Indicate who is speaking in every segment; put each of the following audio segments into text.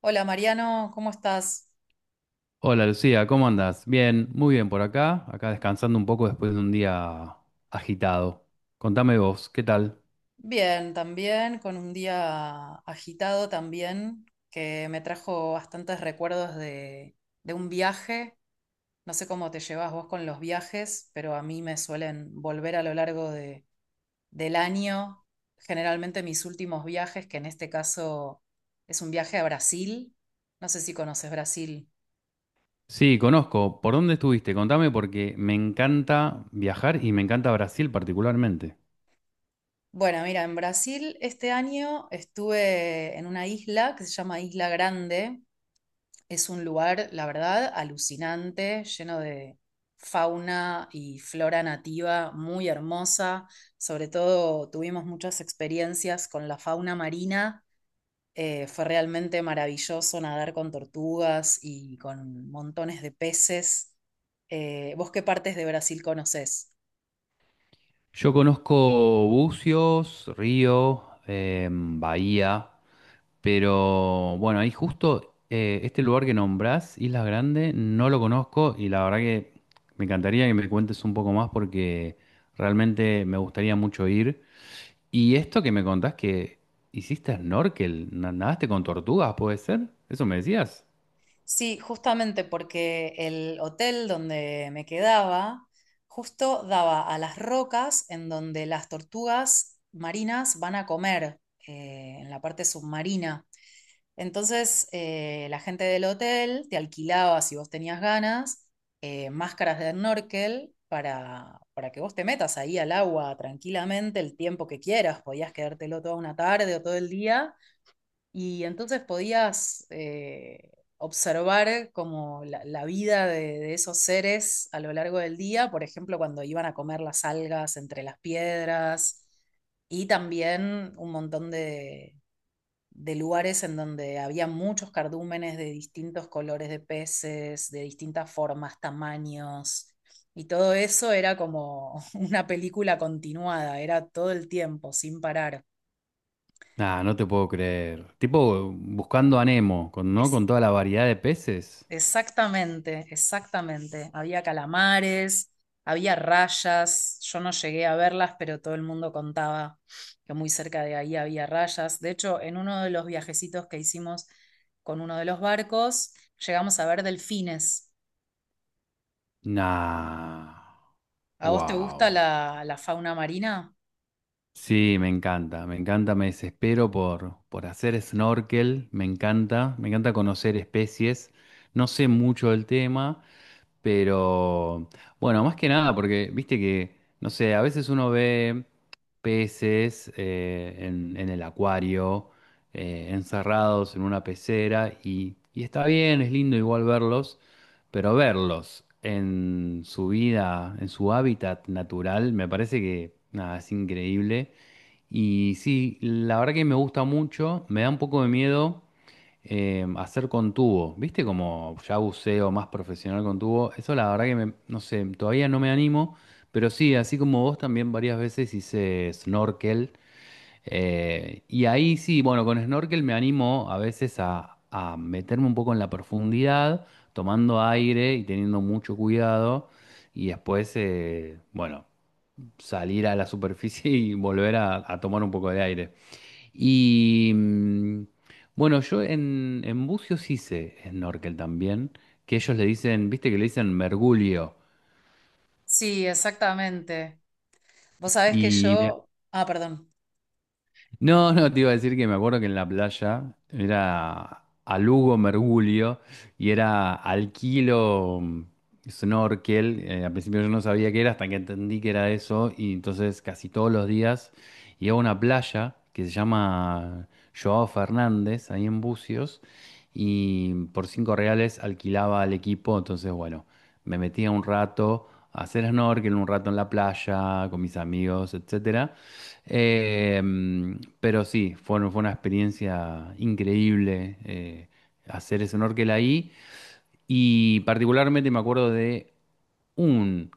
Speaker 1: Hola Mariano, ¿cómo estás?
Speaker 2: Hola Lucía, ¿cómo andas? Bien, muy bien por acá, acá descansando un poco después de un día agitado. Contame vos, ¿qué tal?
Speaker 1: Bien, también, con un día agitado también, que me trajo bastantes recuerdos de un viaje. No sé cómo te llevas vos con los viajes, pero a mí me suelen volver a lo largo del año. Generalmente mis últimos viajes, que en este caso es un viaje a Brasil. No sé si conoces Brasil.
Speaker 2: Sí, conozco. ¿Por dónde estuviste? Contame porque me encanta viajar y me encanta Brasil particularmente.
Speaker 1: Bueno, mira, en Brasil este año estuve en una isla que se llama Isla Grande. Es un lugar, la verdad, alucinante, lleno de fauna y flora nativa muy hermosa. Sobre todo tuvimos muchas experiencias con la fauna marina. Fue realmente maravilloso nadar con tortugas y con montones de peces. ¿Vos qué partes de Brasil conocés?
Speaker 2: Yo conozco Bucios, Río, Bahía, pero bueno, ahí justo este lugar que nombrás, Isla Grande, no lo conozco y la verdad que me encantaría que me cuentes un poco más porque realmente me gustaría mucho ir. Y esto que me contás que hiciste snorkel, nadaste con tortugas, ¿puede ser? ¿Eso me decías?
Speaker 1: Sí, justamente porque el hotel donde me quedaba justo daba a las rocas en donde las tortugas marinas van a comer, en la parte submarina. Entonces, la gente del hotel te alquilaba, si vos tenías ganas, máscaras de snorkel para que vos te metas ahí al agua tranquilamente el tiempo que quieras. Podías quedártelo toda una tarde o todo el día y entonces podías observar como la vida de esos seres a lo largo del día, por ejemplo, cuando iban a comer las algas entre las piedras, y también un montón de lugares en donde había muchos cardúmenes de distintos colores de peces, de distintas formas, tamaños, y todo eso era como una película continuada, era todo el tiempo, sin parar.
Speaker 2: Ah, no te puedo creer. Tipo buscando a Nemo, con, ¿no? Con toda la variedad de peces.
Speaker 1: Exactamente, exactamente. Había calamares, había rayas. Yo no llegué a verlas, pero todo el mundo contaba que muy cerca de ahí había rayas. De hecho, en uno de los viajecitos que hicimos con uno de los barcos, llegamos a ver delfines.
Speaker 2: Nah.
Speaker 1: ¿A vos te gusta
Speaker 2: Wow.
Speaker 1: la fauna marina?
Speaker 2: Sí, me encanta, me encanta, me desespero por hacer snorkel, me encanta conocer especies. No sé mucho del tema. Pero bueno, más que nada, porque viste que, no sé, a veces uno ve peces en el acuario, encerrados en una pecera, y está bien, es lindo igual verlos, pero verlos en su vida, en su hábitat natural, me parece que nada, es increíble. Y sí, la verdad que me gusta mucho, me da un poco de miedo hacer con tubo, ¿viste? Como ya buceo más profesional con tubo, eso la verdad que no sé, todavía no me animo, pero sí, así como vos también varias veces hice snorkel, y ahí sí, bueno, con snorkel me animo a veces a meterme un poco en la profundidad, tomando aire y teniendo mucho cuidado, y después, bueno, salir a la superficie y volver a tomar un poco de aire. Y bueno, yo en Bucios hice snorkel también, que ellos le dicen, viste que le dicen mergulio.
Speaker 1: Sí, exactamente. Vos sabés que
Speaker 2: Y me,
Speaker 1: yo... Ah, perdón.
Speaker 2: No, no, te iba a decir que me acuerdo que en la playa era a Lugo Mergulio y era al kilo snorkel. Al principio yo no sabía qué era hasta que entendí que era eso y entonces casi todos los días iba a una playa que se llama Joao Fernández, ahí en Bucios, y por 5 reales alquilaba al equipo, entonces bueno, me metía un rato a hacer snorkel, un rato en la playa con mis amigos, etcétera. Pero sí, fue, fue una experiencia increíble hacer ese snorkel ahí. Y particularmente me acuerdo de un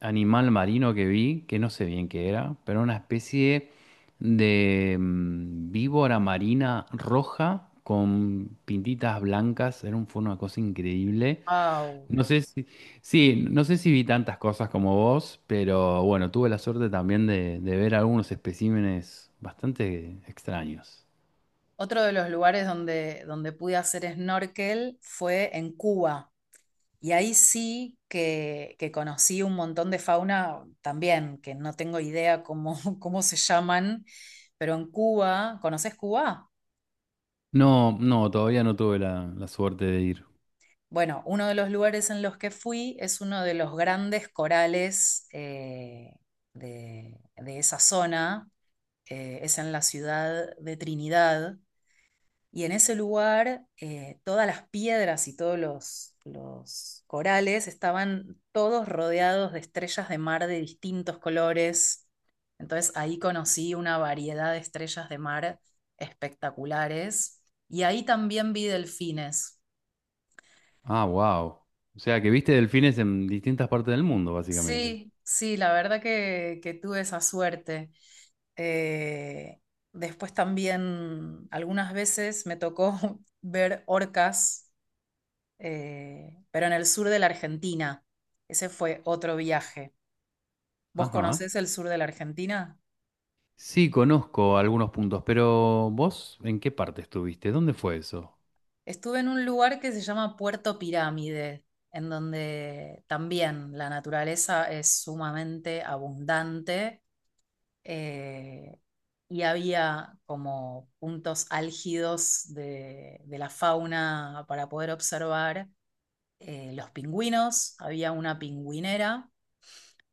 Speaker 2: animal marino que vi, que no sé bien qué era, pero una especie de víbora marina roja con pintitas blancas. Era un, fue una cosa increíble.
Speaker 1: Au.
Speaker 2: No sé si, sí, no sé si vi tantas cosas como vos, pero bueno, tuve la suerte también de ver algunos especímenes bastante extraños.
Speaker 1: Otro de los lugares donde pude hacer snorkel fue en Cuba. Y ahí sí que conocí un montón de fauna también, que no tengo idea cómo, cómo se llaman, pero en Cuba, ¿conoces Cuba?
Speaker 2: No, no, todavía no tuve la, la suerte de ir.
Speaker 1: Bueno, uno de los lugares en los que fui es uno de los grandes corales de esa zona, es en la ciudad de Trinidad. Y en ese lugar, todas las piedras y todos los corales estaban todos rodeados de estrellas de mar de distintos colores. Entonces ahí conocí una variedad de estrellas de mar espectaculares. Y ahí también vi delfines.
Speaker 2: Ah, wow. O sea que viste delfines en distintas partes del mundo, básicamente.
Speaker 1: Sí, sí, la verdad que tuve esa suerte. Eh, Después también algunas veces me tocó ver orcas, pero en el sur de la Argentina. Ese fue otro viaje. ¿Vos
Speaker 2: Ajá.
Speaker 1: conocés el sur de la Argentina?
Speaker 2: Sí, conozco algunos puntos, pero vos, ¿en qué parte estuviste? ¿Dónde fue eso?
Speaker 1: Estuve en un lugar que se llama Puerto Pirámide, en donde también la naturaleza es sumamente abundante, eh, y había como puntos álgidos de la fauna para poder observar los pingüinos, había una pingüinera.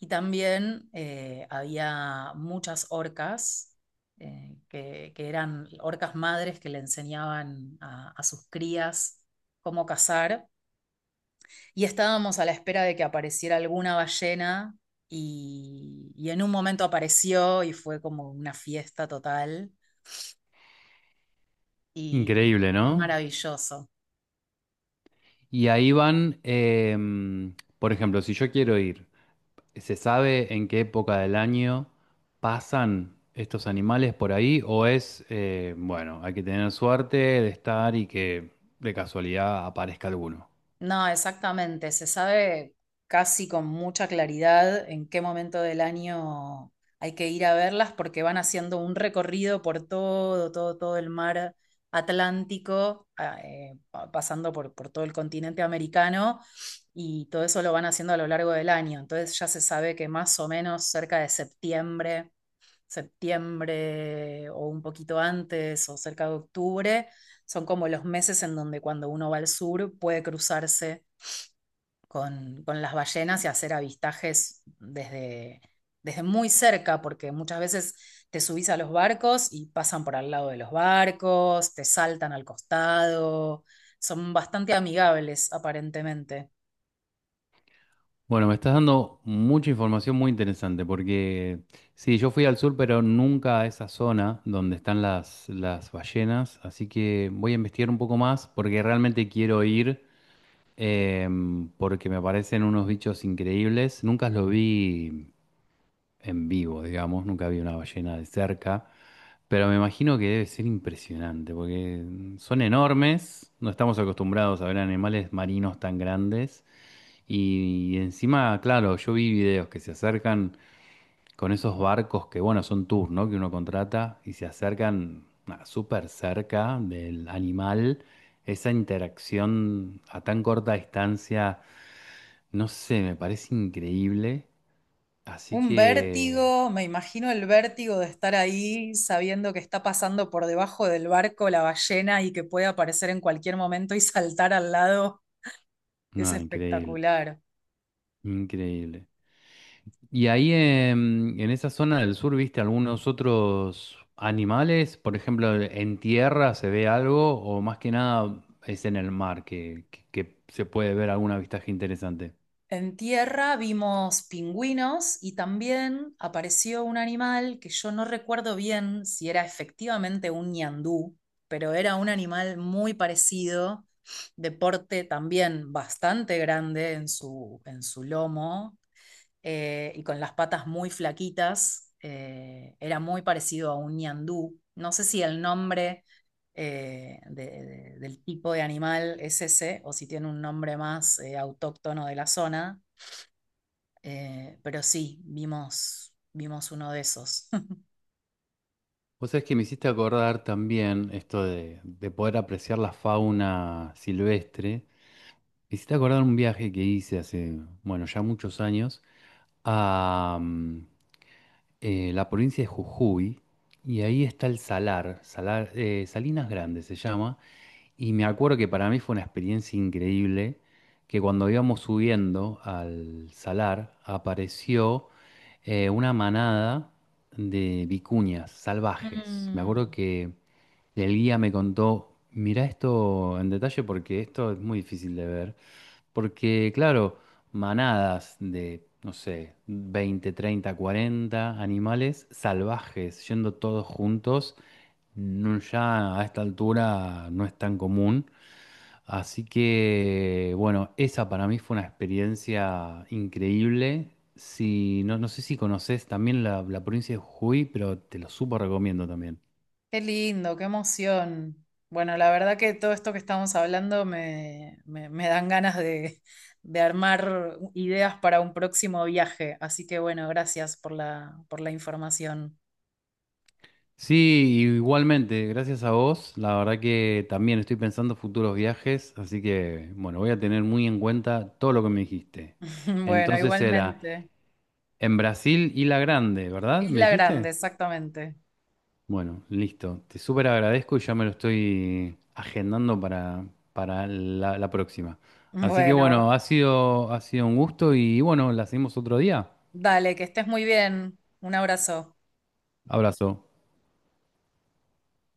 Speaker 1: Y también había muchas orcas, que eran orcas madres que le enseñaban a sus crías cómo cazar. Y estábamos a la espera de que apareciera alguna ballena y en un momento apareció y fue como una fiesta total y
Speaker 2: Increíble,
Speaker 1: es
Speaker 2: ¿no?
Speaker 1: maravilloso.
Speaker 2: Y ahí van, por ejemplo, si yo quiero ir. ¿Se sabe en qué época del año pasan estos animales por ahí? ¿O es, bueno, hay que tener suerte de estar y que de casualidad aparezca alguno?
Speaker 1: No, exactamente. Se sabe casi con mucha claridad en qué momento del año hay que ir a verlas porque van haciendo un recorrido por todo, todo, todo el mar Atlántico, pasando por todo el continente americano y todo eso lo van haciendo a lo largo del año. Entonces ya se sabe que más o menos cerca de septiembre o un poquito antes o cerca de octubre, son como los meses en donde cuando uno va al sur puede cruzarse con las ballenas y hacer avistajes desde, desde muy cerca, porque muchas veces te subís a los barcos y pasan por al lado de los barcos, te saltan al costado, son bastante amigables aparentemente.
Speaker 2: Bueno, me estás dando mucha información muy interesante porque sí, yo fui al sur, pero nunca a esa zona donde están las ballenas, así que voy a investigar un poco más porque realmente quiero ir, porque me parecen unos bichos increíbles. Nunca los vi en vivo, digamos, nunca vi una ballena de cerca, pero me imagino que debe ser impresionante, porque son enormes, no estamos acostumbrados a ver animales marinos tan grandes, y, encima, claro, yo vi videos que se acercan con esos barcos que, bueno, son tours, ¿no? Que uno contrata y se acercan ah, súper cerca del animal. Esa interacción a tan corta distancia, no sé, me parece increíble. Así
Speaker 1: Un
Speaker 2: que,
Speaker 1: vértigo, me imagino el vértigo de estar ahí sabiendo que está pasando por debajo del barco la ballena y que puede aparecer en cualquier momento y saltar al lado. Es
Speaker 2: no, increíble.
Speaker 1: espectacular.
Speaker 2: Increíble. ¿Y ahí en esa zona del sur viste algunos otros animales? Por ejemplo, ¿en tierra se ve algo o más que nada es en el mar que, que se puede ver algún avistaje interesante?
Speaker 1: En tierra vimos pingüinos y también apareció un animal que yo no recuerdo bien si era efectivamente un ñandú, pero era un animal muy parecido, de porte también bastante grande en su lomo, y con las patas muy flaquitas. Era muy parecido a un ñandú. No sé si el nombre del tipo de animal es ese o si tiene un nombre más autóctono de la zona, pero sí, vimos, vimos uno de esos.
Speaker 2: Vos sabés que me hiciste acordar también esto de poder apreciar la fauna silvestre. Me hiciste acordar un viaje que hice hace, bueno, ya muchos años la provincia de Jujuy, y ahí está el Salar, Salar, Salinas grandes se llama, y me acuerdo que para mí fue una experiencia increíble, que cuando íbamos subiendo al Salar apareció una manada de vicuñas salvajes. Me acuerdo
Speaker 1: Mm.
Speaker 2: que el guía me contó, mirá esto en detalle porque esto es muy difícil de ver. Porque, claro, manadas de, no sé, 20, 30, 40 animales salvajes yendo todos juntos, ya a esta altura no es tan común. Así que, bueno, esa para mí fue una experiencia increíble. Si, no, no sé si conoces también la provincia de Jujuy, pero te lo súper recomiendo también.
Speaker 1: Qué lindo, qué emoción. Bueno, la verdad que todo esto que estamos hablando me, me dan ganas de armar ideas para un próximo viaje. Así que bueno, gracias por por la información.
Speaker 2: Sí, igualmente, gracias a vos. La verdad que también estoy pensando futuros viajes, así que bueno, voy a tener muy en cuenta todo lo que me dijiste.
Speaker 1: Bueno,
Speaker 2: Entonces era
Speaker 1: igualmente.
Speaker 2: en Brasil y La Grande, ¿verdad? ¿Me
Speaker 1: Isla Grande,
Speaker 2: dijiste?
Speaker 1: exactamente.
Speaker 2: Bueno, listo. Te súper agradezco y ya me lo estoy agendando para la, la próxima. Así que
Speaker 1: Bueno,
Speaker 2: bueno, ha sido un gusto y bueno, la seguimos otro día.
Speaker 1: dale, que estés muy bien. Un abrazo.
Speaker 2: Abrazo.